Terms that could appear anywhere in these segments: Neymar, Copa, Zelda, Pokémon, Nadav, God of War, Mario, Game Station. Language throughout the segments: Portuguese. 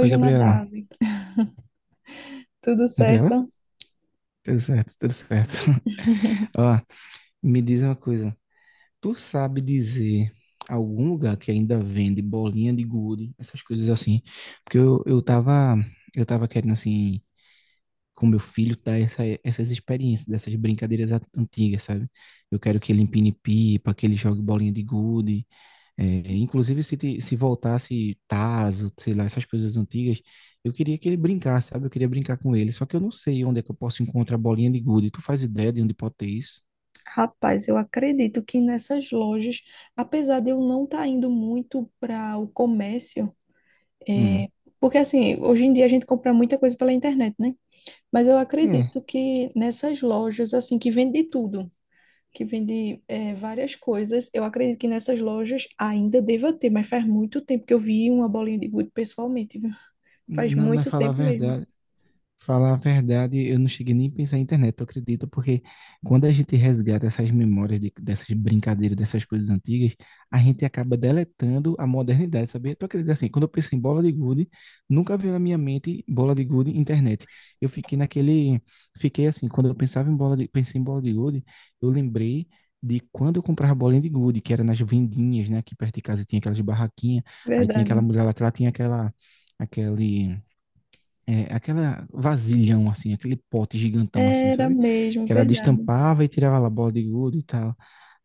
Oi, o Nadav. Gabriela. Tudo Gabriela? certo? Tudo certo, tudo certo. Ó, me diz uma coisa. Tu sabe dizer algum lugar que ainda vende bolinha de gude, essas coisas assim? Porque eu tava, eu tava querendo, assim, com meu filho, dar essas experiências, dessas brincadeiras antigas, sabe? Eu quero que ele empine pipa, que ele jogue bolinha de gude. É, inclusive, se voltasse Tazo, sei lá, essas coisas antigas, eu queria que ele brincasse, sabe? Eu queria brincar com ele, só que eu não sei onde é que eu posso encontrar a bolinha de gude. Tu faz ideia de onde pode ter isso? Rapaz, eu acredito que nessas lojas, apesar de eu não estar indo muito para o comércio, Hum, é, porque assim, hoje em dia a gente compra muita coisa pela internet, né? Mas eu é, acredito que nessas lojas, assim, que vende tudo, que vende é, várias coisas, eu acredito que nessas lojas ainda deva ter, mas faz muito tempo que eu vi uma bolinha de gude pessoalmente, viu? Faz não, mas muito falar a tempo mesmo, verdade. Falar a verdade, eu não cheguei nem a pensar em internet, eu acredito, porque quando a gente resgata essas memórias dessas brincadeiras, dessas coisas antigas, a gente acaba deletando a modernidade, sabia? Tu acredita assim, quando eu penso em bola de gude, nunca veio na minha mente bola de gude internet. Eu fiquei naquele, fiquei assim, quando eu pensava em bola de, pensei em bola de gude, eu lembrei de quando eu comprava bolinha de gude, que era nas vendinhas, né, aqui perto de casa tinha aquelas barraquinhas, aí tinha aquela verdade. mulher lá que ela tinha aquela, aquele aquela vasilhão, assim, aquele pote gigantão, assim, Era sabe? mesmo, Que ela verdade. destampava e tirava lá a bola de gude e tal.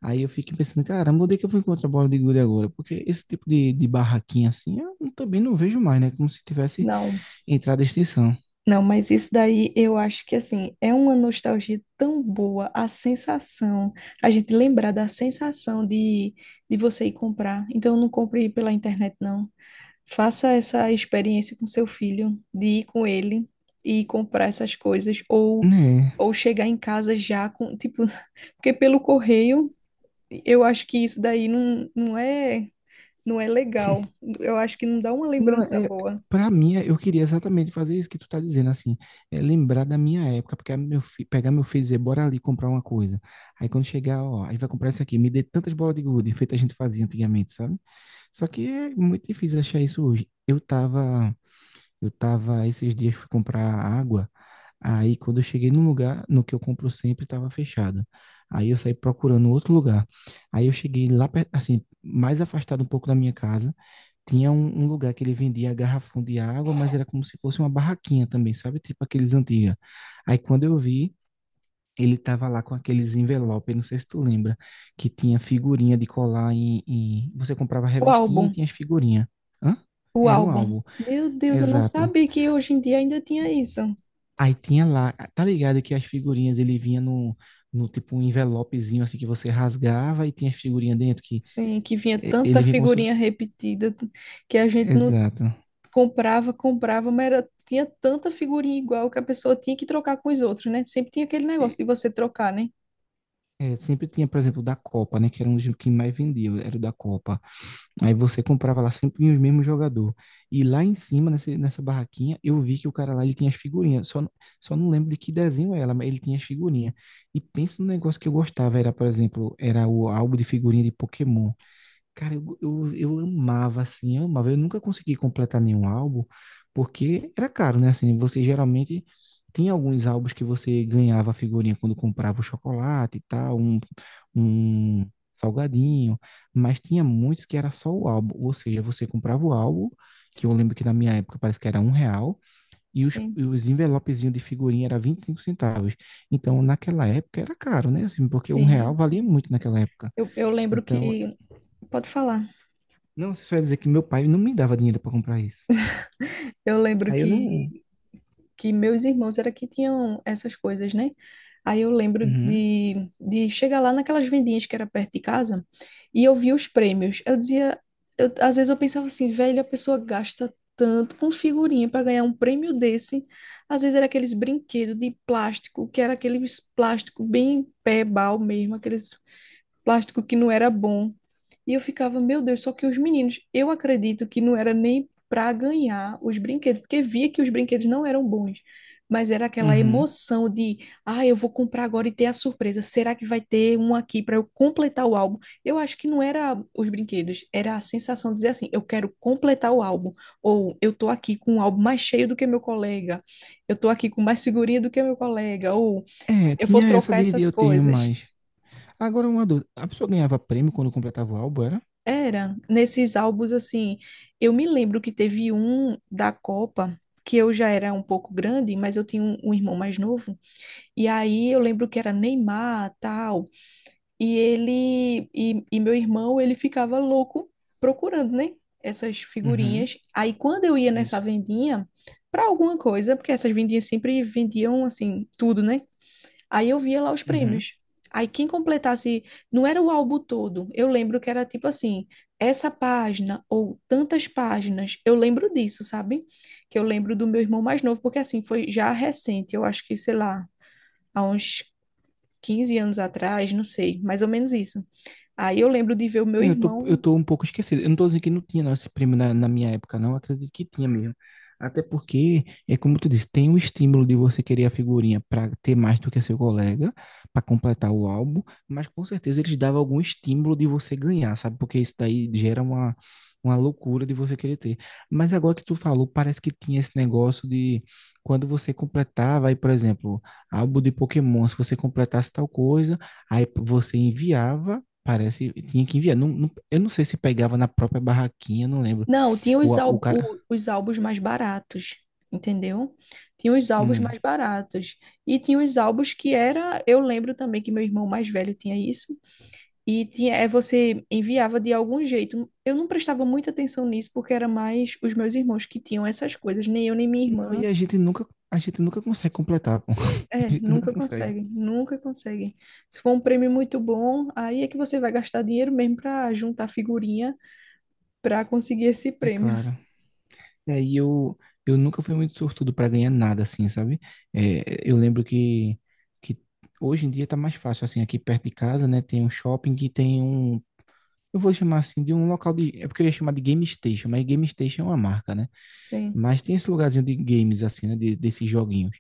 Aí eu fiquei pensando, caramba, onde é que eu vou encontrar a bola de gude agora? Porque esse tipo de barraquinha, assim, eu também não vejo mais, né? Como se tivesse Não, entrado em extinção. não, mas isso daí eu acho que assim é uma nostalgia tão boa, a sensação, a gente lembrar da sensação de você ir comprar. Então não compre pela internet, não. Faça essa experiência com seu filho, de ir com ele e comprar essas coisas, Né? ou chegar em casa já com, tipo, porque pelo correio eu acho que isso daí não é, não é legal. Eu acho que não dá uma Não, lembrança é... boa. Pra mim, é, eu queria exatamente fazer isso que tu tá dizendo, assim, é lembrar da minha época, porque pegar meu filho e dizer, bora ali comprar uma coisa. Aí quando chegar, ó, a gente vai comprar isso aqui, me dê tantas bolas de gude, feito a gente fazia antigamente, sabe? Só que é muito difícil achar isso hoje. Eu tava esses dias fui comprar água, aí quando eu cheguei num lugar, no que eu compro sempre, estava fechado. Aí eu saí procurando outro lugar. Aí eu cheguei lá, assim, mais afastado um pouco da minha casa, tinha um lugar que ele vendia garrafão de água, mas era como se fosse uma barraquinha também, sabe? Tipo aqueles antigos. Aí quando eu vi, ele tava lá com aqueles envelopes, não sei se tu lembra, que tinha figurinha de colar Você comprava a O revistinha e álbum. tinha as figurinhas. Hã? O Era um álbum. álbum. Meu Deus, eu não Exato. sabia que hoje em dia ainda tinha isso. Aí tinha lá, tá ligado que as figurinhas ele vinha no tipo um envelopezinho assim que você rasgava e tinha as figurinhas dentro que Sim, que vinha tanta ele vinha como se fosse... figurinha repetida que a gente não Exato. comprava, comprava, mas era, tinha tanta figurinha igual que a pessoa tinha que trocar com os outros, né? Sempre tinha aquele negócio E, de você trocar, né? Sempre tinha, por exemplo, o da Copa, né? Que era um dos que mais vendia, era o da Copa. Aí você comprava lá, sempre vinha os mesmos jogador. E lá em cima, nessa barraquinha, eu vi que o cara lá, ele tinha as figurinhas. Só não lembro de que desenho era, mas ele tinha as figurinhas. E pensa no negócio que eu gostava. Era, por exemplo, era o álbum de figurinha de Pokémon. Cara, eu amava, assim, eu amava. Eu nunca consegui completar nenhum álbum, porque era caro, né? Assim, você geralmente tinha alguns álbuns que você ganhava a figurinha quando comprava o chocolate e tal, um salgadinho, mas tinha muitos que era só o álbum, ou seja, você comprava o álbum, que eu lembro que na minha época parece que era um real, e os, e Sim, os envelopezinhos de figurinha era 25 centavos. Então, naquela época era caro, né? Assim, porque um real sim. valia muito naquela época. Eu lembro Então, que. Pode falar. não, você só ia dizer que meu pai não me dava dinheiro para comprar isso. Eu lembro Aí eu não. que meus irmãos era que tinham essas coisas, né? Aí eu lembro Uhum, de chegar lá naquelas vendinhas que era perto de casa e eu via os prêmios. Eu dizia, às vezes eu pensava assim, velho, a pessoa gasta tanto com figurinha para ganhar um prêmio desse. Às vezes era aqueles brinquedos de plástico, que era aqueles plástico bem pé-bal mesmo, aqueles plástico que não era bom. E eu ficava, meu Deus, só que os meninos, eu acredito que não era nem para ganhar os brinquedos, porque via que os brinquedos não eram bons, mas era aquela uhum. emoção de, ah, eu vou comprar agora e ter a surpresa. Será que vai ter um aqui para eu completar o álbum? Eu acho que não era os brinquedos, era a sensação de dizer assim, eu quero completar o álbum, ou eu tô aqui com um álbum mais cheio do que meu colega, eu tô aqui com mais figurinha do que meu colega, ou É, eu vou tinha essa trocar de essas eu tenho coisas. mais. Agora uma dúvida. A pessoa ganhava prêmio quando completava o álbum, era? Era, nesses álbuns assim, eu me lembro que teve um da Copa, que eu já era um pouco grande, mas eu tinha um, um irmão mais novo, e aí eu lembro que era Neymar, tal, e ele, e meu irmão, ele ficava louco procurando, né, essas Uhum, figurinhas, aí quando eu ia nessa isso. vendinha, para alguma coisa, porque essas vendinhas sempre vendiam, assim, tudo, né, aí eu via lá os Uhum. prêmios. Aí quem completasse, não era o álbum todo, eu lembro que era tipo assim, essa página ou tantas páginas, eu lembro disso, sabe? Que eu lembro do meu irmão mais novo, porque assim, foi já recente, eu acho que, sei lá, há uns 15 anos atrás, não sei, mais ou menos isso. Aí eu lembro de ver o meu É, eu tô, eu irmão. tô um pouco esquecido. Eu não tô dizendo que não tinha não, esse prêmio na minha época, não. Eu acredito que tinha mesmo. Até porque, é como tu disse, tem o estímulo de você querer a figurinha para ter mais do que seu colega, para completar o álbum, mas com certeza eles davam algum estímulo de você ganhar, sabe? Porque isso daí gera uma loucura de você querer ter. Mas agora que tu falou, parece que tinha esse negócio de quando você completava, aí, por exemplo, álbum de Pokémon, se você completasse tal coisa, aí você enviava. Parece, tinha que enviar. Eu não sei se pegava na própria barraquinha, não lembro. Não, tinha O, os, o ál- cara. o- os álbuns mais baratos, entendeu? Tinha os álbuns Hum. mais baratos. E tinha os álbuns que era. Eu lembro também que meu irmão mais velho tinha isso, e tinha, é, você enviava de algum jeito. Eu não prestava muita atenção nisso, porque era mais os meus irmãos que tinham essas coisas, nem eu nem minha Não, e irmã. A gente nunca consegue completar, pô. É, A gente nunca nunca consegue. conseguem, nunca conseguem. Se for um prêmio muito bom, aí é que você vai gastar dinheiro mesmo para juntar figurinha para conseguir esse É prêmio. claro. E aí eu nunca fui muito sortudo para ganhar nada, assim, sabe? É, eu lembro que hoje em dia tá mais fácil, assim, aqui perto de casa, né? Tem um shopping que tem um. Eu vou chamar assim de um local de. É porque eu ia chamar de Game Station, mas Game Station é uma marca, né? Sim. Mas tem esse lugarzinho de games, assim, né? Desses joguinhos.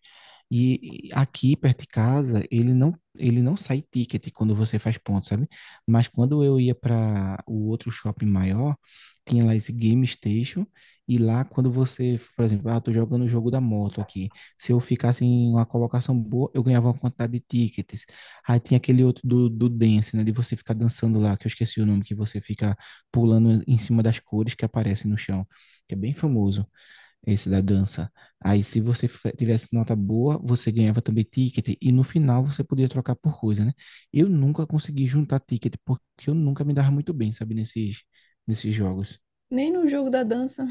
E aqui, perto de casa, ele não sai ticket quando você faz ponto, sabe? Mas quando eu ia para o outro shopping maior, tinha lá esse Game Station. E lá, quando você, por exemplo, ah, tô jogando o jogo da moto aqui. Se eu ficasse em uma colocação boa, eu ganhava uma quantidade de tickets. Aí tinha aquele outro do dance, né? De você ficar dançando lá, que eu esqueci o nome, que você fica pulando em cima das cores que aparecem no chão, que é bem famoso. Esse da dança. Aí, se você tivesse nota boa, você ganhava também ticket. E no final, você podia trocar por coisa, né? Eu nunca consegui juntar ticket, porque eu nunca me dava muito bem, sabe? Nesses jogos. Nem no jogo da dança.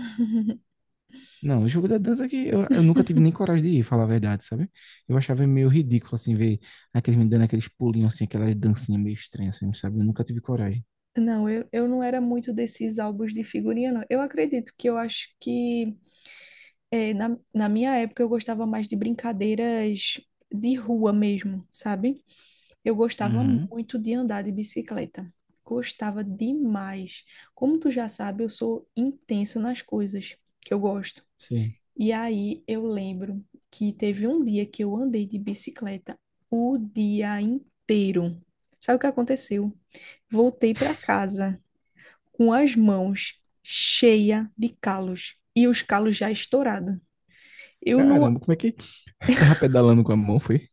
Não, o jogo da dança é que eu nunca tive nem coragem de ir, falar a verdade, sabe? Eu achava meio ridículo, assim, ver aqueles me dando aqueles pulinhos, assim, aquelas dancinhas meio estranhas, assim, sabe? Eu nunca tive coragem. Não, eu não era muito desses álbuns de figurinha, não. Eu acredito que eu acho que é, na minha época eu gostava mais de brincadeiras de rua mesmo, sabe? Eu gostava Uhum, muito de andar de bicicleta. Gostava demais. Como tu já sabe, eu sou intensa nas coisas que eu gosto. sim. E aí eu lembro que teve um dia que eu andei de bicicleta o dia inteiro. Sabe o que aconteceu? Voltei para casa com as mãos cheias de calos e os calos já estourados. Eu não Caramba, como é que tava pedalando com a mão, foi?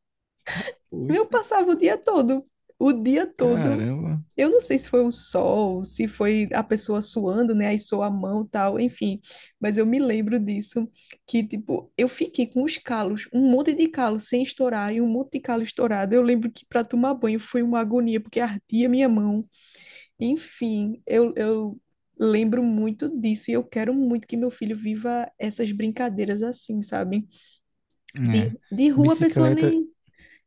Tá, Eu poxa, passava o dia todo, o dia todo. caramba. Eu não sei se foi o sol, se foi a pessoa suando, né? Aí sua a mão, tal, enfim. Mas eu me lembro disso, que tipo, eu fiquei com os calos, um monte de calo sem estourar e um monte de calo estourado. Eu lembro que para tomar banho foi uma agonia, porque ardia minha mão. Enfim, eu lembro muito disso e eu quero muito que meu filho viva essas brincadeiras assim, sabe? É, De rua a pessoa bicicleta, nem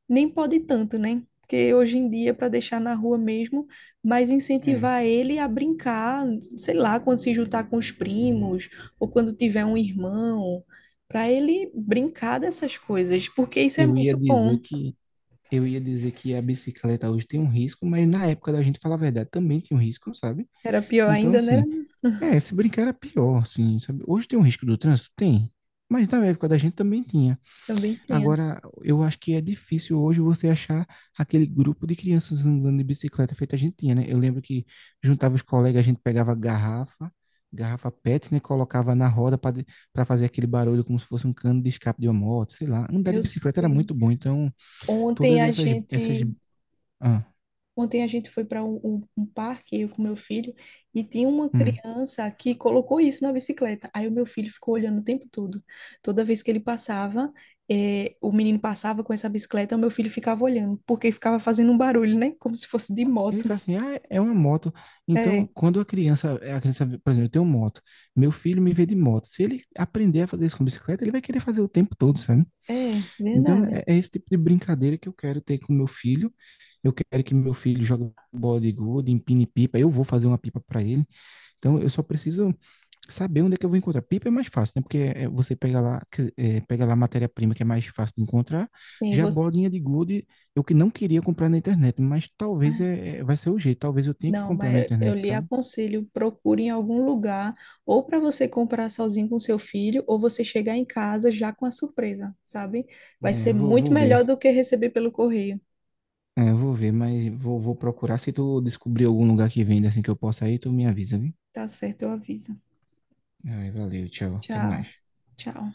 nem pode tanto, né? Porque hoje em dia, para deixar na rua mesmo, mas é, incentivar ele a brincar, sei lá, quando se juntar com os primos, ou quando tiver um irmão, para ele brincar dessas coisas, porque isso é eu ia muito dizer bom. que eu ia dizer que a bicicleta hoje tem um risco, mas na época da gente, falar a verdade, também tinha um risco, sabe? Era pior Então, ainda, né? assim, é, se brincar era pior, assim, sabe? Hoje tem um risco do trânsito? Tem. Mas na época da gente também tinha. Também tinha. Agora, eu acho que é difícil hoje você achar aquele grupo de crianças andando de bicicleta feito a gente tinha, né? Eu lembro que juntava os colegas, a gente pegava garrafa, garrafa PET, né? Colocava na roda para fazer aquele barulho como se fosse um cano de escape de uma moto, sei lá. Andar de Eu bicicleta era sei. muito bom. Então, Ontem todas a essas, gente ah, Ontem a gente foi para um, um parque, eu com meu filho, e tinha uma hum. criança que colocou isso na bicicleta. Aí o meu filho ficou olhando o tempo todo. Toda vez que ele passava, o menino passava com essa bicicleta, o meu filho ficava olhando, porque ficava fazendo um barulho, né? Como se fosse de Ele moto. fala assim, ah, é uma moto. Então, É, quando a criança, por exemplo, eu tenho moto, meu filho me vê de moto. Se ele aprender a fazer isso com bicicleta, ele vai querer fazer o tempo todo, sabe? é, Então, verdade. é, é esse tipo de brincadeira que eu quero ter com meu filho. Eu quero que meu filho jogue bola de gude, empine pipa. Eu vou fazer uma pipa para ele. Então, eu só preciso saber onde é que eu vou encontrar. Pipa é mais fácil, né? Porque é, é você pega lá, quer dizer, é, pega lá a matéria-prima que é mais fácil de encontrar. Sim, Já a você. bolinha de gude, eu que não queria comprar na internet, mas talvez vai ser o jeito. Talvez eu tenha que Não, comprar na mas eu internet, lhe sabe? aconselho, procure em algum lugar, ou para você comprar sozinho com seu filho, ou você chegar em casa já com a surpresa, sabe? Vai É, ser vou, muito vou melhor ver. do que receber pelo correio. É, vou ver, mas vou, vou procurar. Se tu descobrir algum lugar que venda assim que eu possa ir, tu me avisa, viu? Tá certo, eu aviso. Ai, valeu, tchau. Até Tchau, mais. tchau.